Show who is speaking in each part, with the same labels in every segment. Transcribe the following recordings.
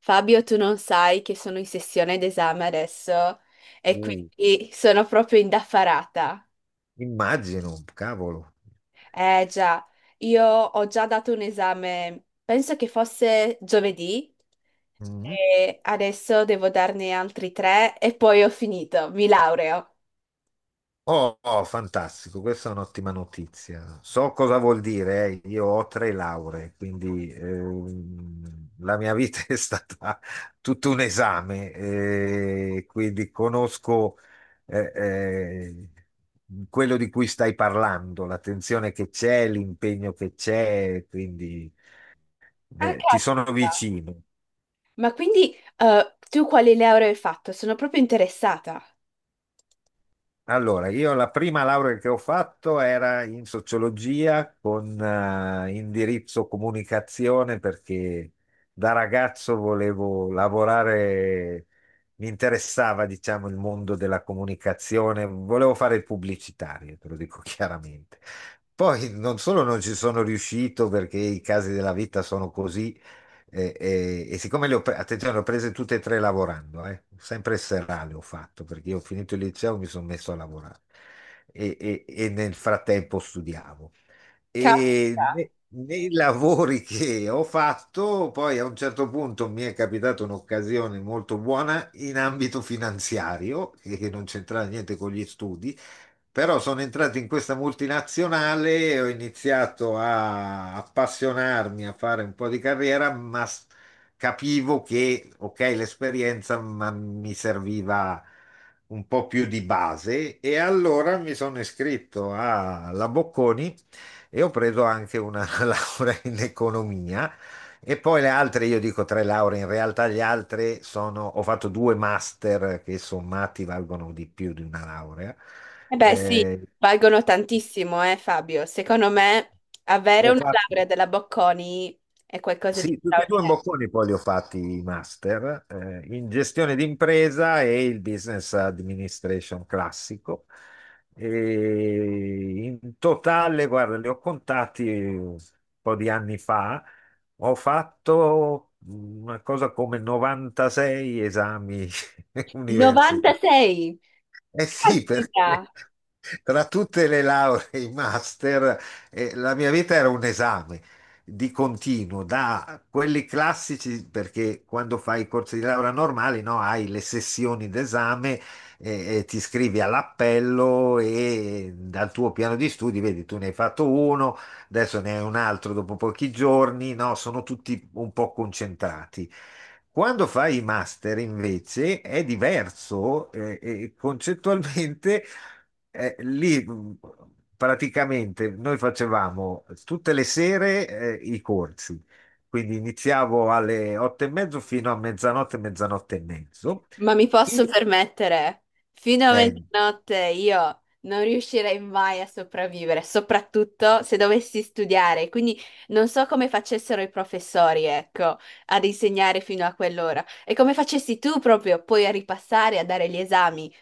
Speaker 1: Fabio, tu non sai che sono in sessione d'esame adesso e
Speaker 2: Uh,
Speaker 1: quindi sono proprio indaffarata.
Speaker 2: Immagino, cavolo.
Speaker 1: Eh già, io ho già dato un esame, penso che fosse giovedì
Speaker 2: Mm.
Speaker 1: e adesso devo darne altri tre e poi ho finito, mi laureo.
Speaker 2: Oh, oh, fantastico, questa è un'ottima notizia. So cosa vuol dire, eh. Io ho tre lauree, quindi la mia vita è stata tutto un esame, quindi conosco eh, eh, quello di cui stai parlando, l'attenzione che c'è, l'impegno che c'è, quindi
Speaker 1: Ah,
Speaker 2: ti sono
Speaker 1: caspita.
Speaker 2: vicino.
Speaker 1: Ma quindi tu quali lauree hai fatto? Sono proprio interessata.
Speaker 2: Allora, io la prima laurea che ho fatto era in sociologia con indirizzo comunicazione perché da ragazzo volevo lavorare, mi interessava, diciamo, il mondo della comunicazione, volevo fare il pubblicitario, te lo dico chiaramente. Poi non solo non ci sono riuscito perché i casi della vita sono così, e siccome attenzione, le ho prese tutte e tre lavorando, sempre serale ho fatto perché io ho finito il liceo e mi sono messo a lavorare e nel frattempo studiavo.
Speaker 1: Caspita.
Speaker 2: Nei lavori che ho fatto, poi a un certo punto mi è capitata un'occasione molto buona in ambito finanziario, che non c'entrava niente con gli studi, però sono entrato in questa multinazionale e ho iniziato a appassionarmi, a fare un po' di carriera, capivo che, ok, l'esperienza, ma mi serviva un po' più di base e allora mi sono iscritto alla Bocconi e ho preso anche una laurea in economia. E poi le altre, io dico tre lauree, in realtà gli altri sono, ho fatto due master che sommati valgono di più di una laurea.
Speaker 1: Eh beh, sì,
Speaker 2: Eh,
Speaker 1: valgono tantissimo, Fabio. Secondo me avere
Speaker 2: Ho
Speaker 1: una
Speaker 2: fatto,
Speaker 1: laurea della Bocconi è qualcosa di
Speaker 2: sì, tutti e due i
Speaker 1: straordinario.
Speaker 2: bocconi poi li ho fatti i master in gestione d'impresa e il business administration classico. E in totale, guarda, li ho contati un po' di anni fa, ho fatto una cosa come 96 esami universitari.
Speaker 1: 96!
Speaker 2: Eh sì, perché
Speaker 1: Caspita!
Speaker 2: tra tutte le lauree e i master, la mia vita era un esame di continuo, da quelli classici, perché quando fai i corsi di laurea normali, no, hai le sessioni d'esame, e ti iscrivi all'appello e dal tuo piano di studi, vedi, tu ne hai fatto uno, adesso ne hai un altro dopo pochi giorni, no, sono tutti un po' concentrati. Quando fai i master invece è diverso e concettualmente lì praticamente noi facevamo tutte le sere i corsi, quindi iniziavo alle otto e mezzo fino a mezzanotte, mezzanotte e mezzo.
Speaker 1: Ma mi posso
Speaker 2: Il-
Speaker 1: permettere, fino a
Speaker 2: eh,
Speaker 1: mezzanotte io non riuscirei mai a sopravvivere, soprattutto se dovessi studiare. Quindi non so come facessero i professori, ecco, ad insegnare fino a quell'ora. E come facessi tu proprio poi a ripassare, a dare gli esami.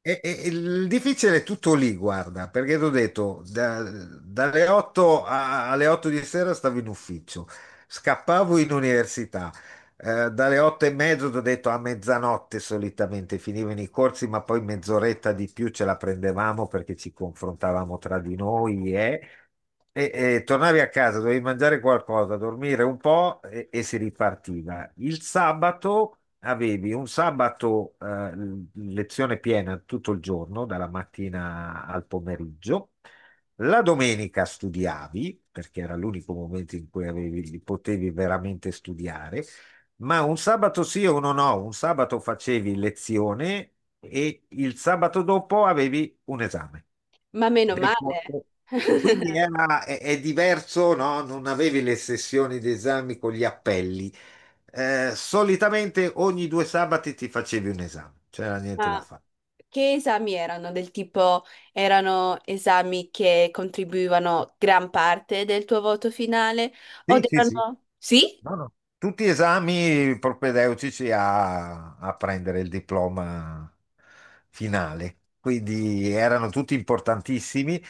Speaker 2: il difficile è tutto lì, guarda, perché ti ho detto, dalle 8 alle 8 di sera stavo in ufficio, scappavo in università, dalle 8 e mezzo ti ho detto a mezzanotte solitamente finivano i corsi, ma poi mezz'oretta di più ce la prendevamo perché ci confrontavamo tra di noi, eh. E tornavi a casa, dovevi mangiare qualcosa, dormire un po' e si ripartiva. Il sabato avevi un sabato lezione piena tutto il giorno, dalla mattina al pomeriggio. La domenica studiavi, perché era l'unico momento in cui potevi veramente studiare, ma un sabato sì o uno no, un sabato facevi lezione e il sabato dopo avevi un esame
Speaker 1: Ma meno
Speaker 2: del
Speaker 1: male.
Speaker 2: corpo. Quindi è diverso, no? Non avevi le sessioni di esami con gli appelli. Solitamente ogni due sabati ti facevi un esame, c'era niente
Speaker 1: Ma
Speaker 2: da fare.
Speaker 1: che esami erano? Del tipo, erano esami che contribuivano gran parte del tuo voto finale? O
Speaker 2: Sì, sì, sì.
Speaker 1: erano... Sì?
Speaker 2: No, no. Tutti esami propedeutici a prendere il diploma finale, quindi erano tutti importantissimi.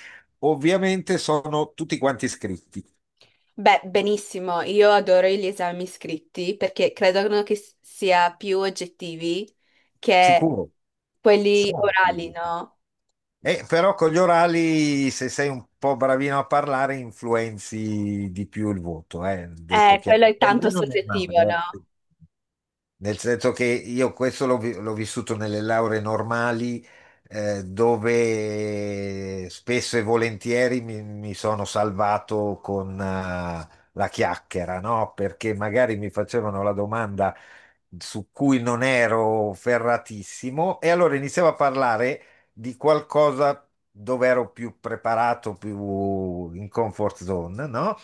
Speaker 2: Ovviamente sono tutti quanti iscritti,
Speaker 1: Beh, benissimo, io adoro gli esami scritti perché credo che sia più oggettivi che
Speaker 2: sicuro,
Speaker 1: quelli
Speaker 2: sono
Speaker 1: orali,
Speaker 2: iscritti.
Speaker 1: no?
Speaker 2: Però con gli orali, se sei un po' bravino a parlare, influenzi di più il voto, detto
Speaker 1: Quello
Speaker 2: chiaro.
Speaker 1: è
Speaker 2: Nel
Speaker 1: tanto
Speaker 2: bene o nel
Speaker 1: soggettivo,
Speaker 2: male,
Speaker 1: no?
Speaker 2: eh. Nel senso che io questo l'ho vissuto nelle lauree normali, dove spesso e volentieri mi sono salvato con, la chiacchiera, no? Perché magari mi facevano la domanda su cui non ero ferratissimo e allora iniziavo a parlare di qualcosa dove ero più preparato, più in comfort zone, no?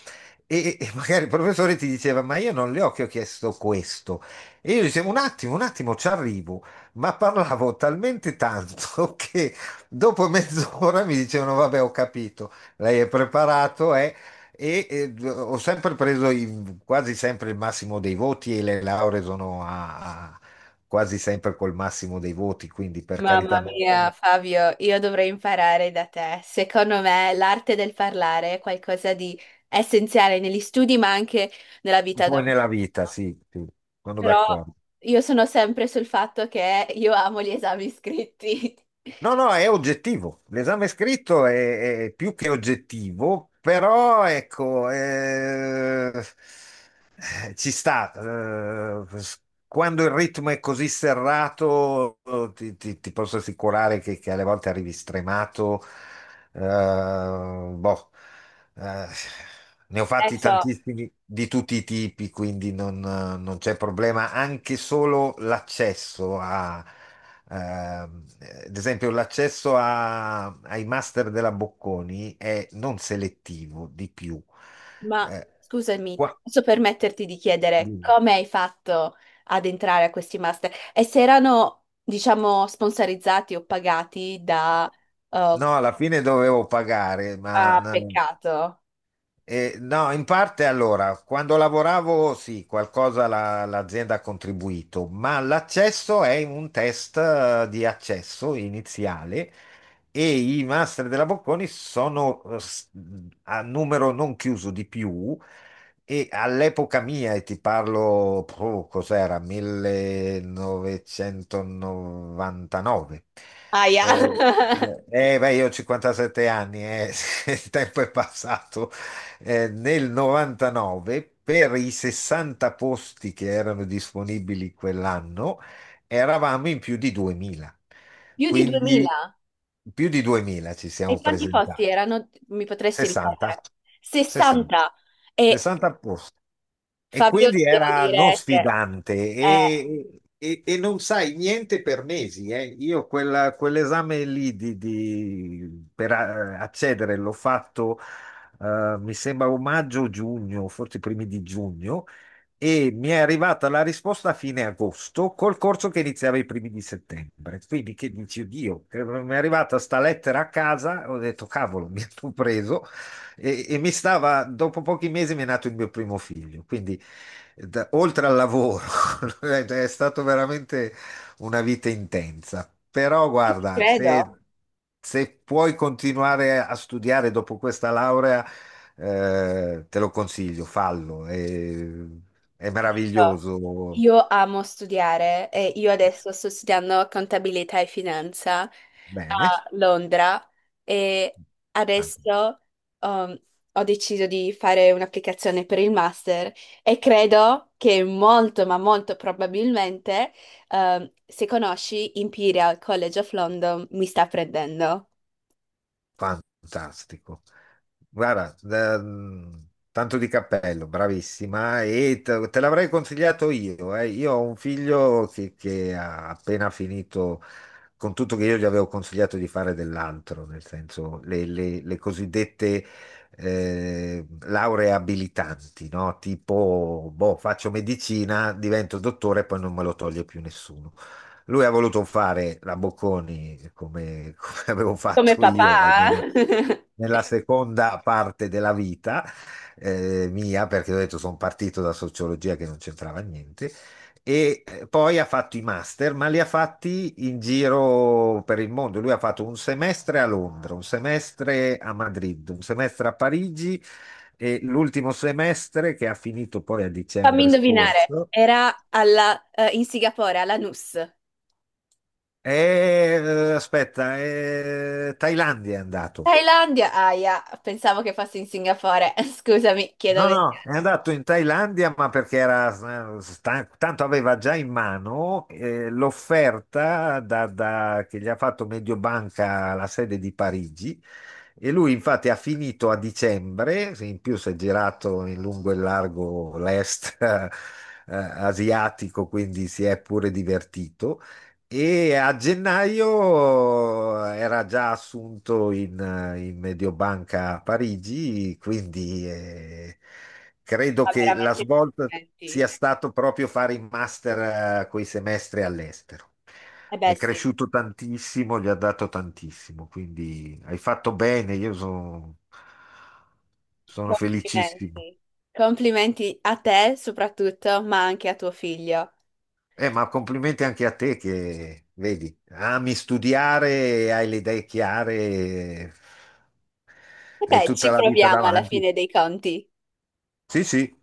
Speaker 2: E magari il professore ti diceva, ma io non le ho che ho chiesto questo. E io dicevo, un attimo, ci arrivo, ma parlavo talmente tanto che dopo mezz'ora mi dicevano, vabbè, ho capito, lei è preparato, ho sempre preso quasi sempre il massimo dei voti e le lauree sono quasi sempre col massimo dei voti, quindi per
Speaker 1: Mamma
Speaker 2: carità, me la
Speaker 1: mia,
Speaker 2: sono
Speaker 1: Fabio, io dovrei imparare da te. Secondo me l'arte del parlare è qualcosa di essenziale negli studi, ma anche nella
Speaker 2: un
Speaker 1: vita
Speaker 2: po'
Speaker 1: normale,
Speaker 2: nella vita,
Speaker 1: no?
Speaker 2: sì, sì, sono d'accordo.
Speaker 1: Però io sono sempre sul fatto che io amo gli esami scritti.
Speaker 2: No, no, è oggettivo. L'esame scritto è più che oggettivo, però ecco, ci sta. Quando il ritmo è così serrato, ti posso assicurare che alle volte arrivi stremato. eh, Boh. eh, Ne ho fatti
Speaker 1: Adesso,
Speaker 2: tantissimi di tutti i tipi, quindi non c'è problema. Anche solo l'accesso a ad esempio, l'accesso a- ai master della Bocconi è non selettivo di più.
Speaker 1: ma
Speaker 2: Eh,
Speaker 1: scusami,
Speaker 2: qua-
Speaker 1: posso permetterti di chiedere
Speaker 2: dimmi.
Speaker 1: come hai fatto ad entrare a questi master? E se erano, diciamo, sponsorizzati o pagati da... eh,
Speaker 2: No, alla fine dovevo pagare, ma
Speaker 1: ah,
Speaker 2: no.
Speaker 1: peccato.
Speaker 2: No, in parte allora, quando lavoravo sì, qualcosa l'azienda ha contribuito, ma l'accesso è un test di accesso iniziale e i master della Bocconi sono a numero non chiuso di più. E all'epoca mia, e ti parlo, cos'era, 1999.
Speaker 1: Aia.
Speaker 2: Eh, eh, Beh, io ho 57 anni, il tempo è passato. Nel 99 per i 60 posti che erano disponibili quell'anno, eravamo in più di 2000.
Speaker 1: Più di
Speaker 2: Quindi
Speaker 1: 2000?
Speaker 2: più di 2000 ci siamo
Speaker 1: E quanti posti
Speaker 2: presentati.
Speaker 1: erano? Mi potresti
Speaker 2: 60,
Speaker 1: ripetere?
Speaker 2: 60,
Speaker 1: 60. E
Speaker 2: 60 posti. E
Speaker 1: Fabio,
Speaker 2: quindi
Speaker 1: devo
Speaker 2: era non
Speaker 1: dire che,
Speaker 2: sfidante
Speaker 1: eh,
Speaker 2: e non sai niente per mesi. Io quell'esame lì per accedere l'ho fatto, mi sembra o maggio o giugno, forse i primi di giugno e mi è arrivata la risposta a fine agosto col corso che iniziava i primi di settembre. Quindi che dici, oddio, mi è arrivata sta lettera a casa, ho detto, cavolo, mi hanno preso e mi stava, dopo pochi mesi mi è nato il mio primo figlio. Quindi oltre al lavoro, è stato veramente una vita intensa. Però guarda,
Speaker 1: credo.
Speaker 2: se puoi continuare a studiare dopo questa laurea, te lo consiglio, fallo. E è
Speaker 1: Io
Speaker 2: meraviglioso.
Speaker 1: io amo studiare e io adesso sto studiando contabilità e finanza
Speaker 2: Bene.
Speaker 1: a Londra e
Speaker 2: Fan-
Speaker 1: adesso um, ho deciso di fare un'applicazione per il master e credo che molto, ma molto probabilmente, se conosci Imperial College of London, mi sta prendendo.
Speaker 2: Fantastico. Guarda, tanto di cappello, bravissima. E te l'avrei consigliato io. Io ho un figlio che ha appena finito, con tutto che io gli avevo consigliato di fare dell'altro, nel senso le, le cosiddette lauree abilitanti, no? Tipo, boh, faccio medicina, divento dottore e poi non me lo toglie più nessuno. Lui ha voluto fare la Bocconi come, avevo
Speaker 1: Come
Speaker 2: fatto io,
Speaker 1: papà?
Speaker 2: almeno nella seconda parte della vita mia, perché ho detto sono partito da sociologia che non c'entrava niente, e poi ha fatto i master, ma li ha fatti in giro per il mondo. Lui ha fatto un semestre a Londra, un semestre a Madrid, un semestre a Parigi e l'ultimo semestre che ha finito poi a
Speaker 1: Fammi
Speaker 2: dicembre
Speaker 1: indovinare,
Speaker 2: scorso.
Speaker 1: era alla, in Singapore, alla NUS.
Speaker 2: Aspetta, è Thailandia è andato.
Speaker 1: Thailandia, ahia, pensavo che fosse in Singapore. Scusami, chiedo
Speaker 2: No,
Speaker 1: ver-
Speaker 2: no, è andato in Thailandia, ma perché era tanto aveva già in mano l'offerta che gli ha fatto Mediobanca alla sede di Parigi, e lui infatti ha finito a dicembre, se in più si è girato in lungo e largo l'est asiatico, quindi si è pure divertito. E a gennaio era già assunto in Mediobanca a Parigi, quindi credo
Speaker 1: Ma
Speaker 2: che la
Speaker 1: veramente
Speaker 2: svolta
Speaker 1: complimenti.
Speaker 2: sia stato proprio fare il master, quei semestri all'estero.
Speaker 1: Eh beh,
Speaker 2: È
Speaker 1: sì,
Speaker 2: cresciuto tantissimo, gli ha dato tantissimo, quindi hai fatto bene, io sono felicissimo.
Speaker 1: complimenti. Complimenti a te soprattutto, ma anche a tuo figlio.
Speaker 2: Ma complimenti anche a te che, vedi, ami studiare, hai le idee chiare,
Speaker 1: E
Speaker 2: hai
Speaker 1: beh,
Speaker 2: tutta
Speaker 1: ci
Speaker 2: la vita
Speaker 1: proviamo alla
Speaker 2: davanti.
Speaker 1: fine dei conti.
Speaker 2: Sì, sì.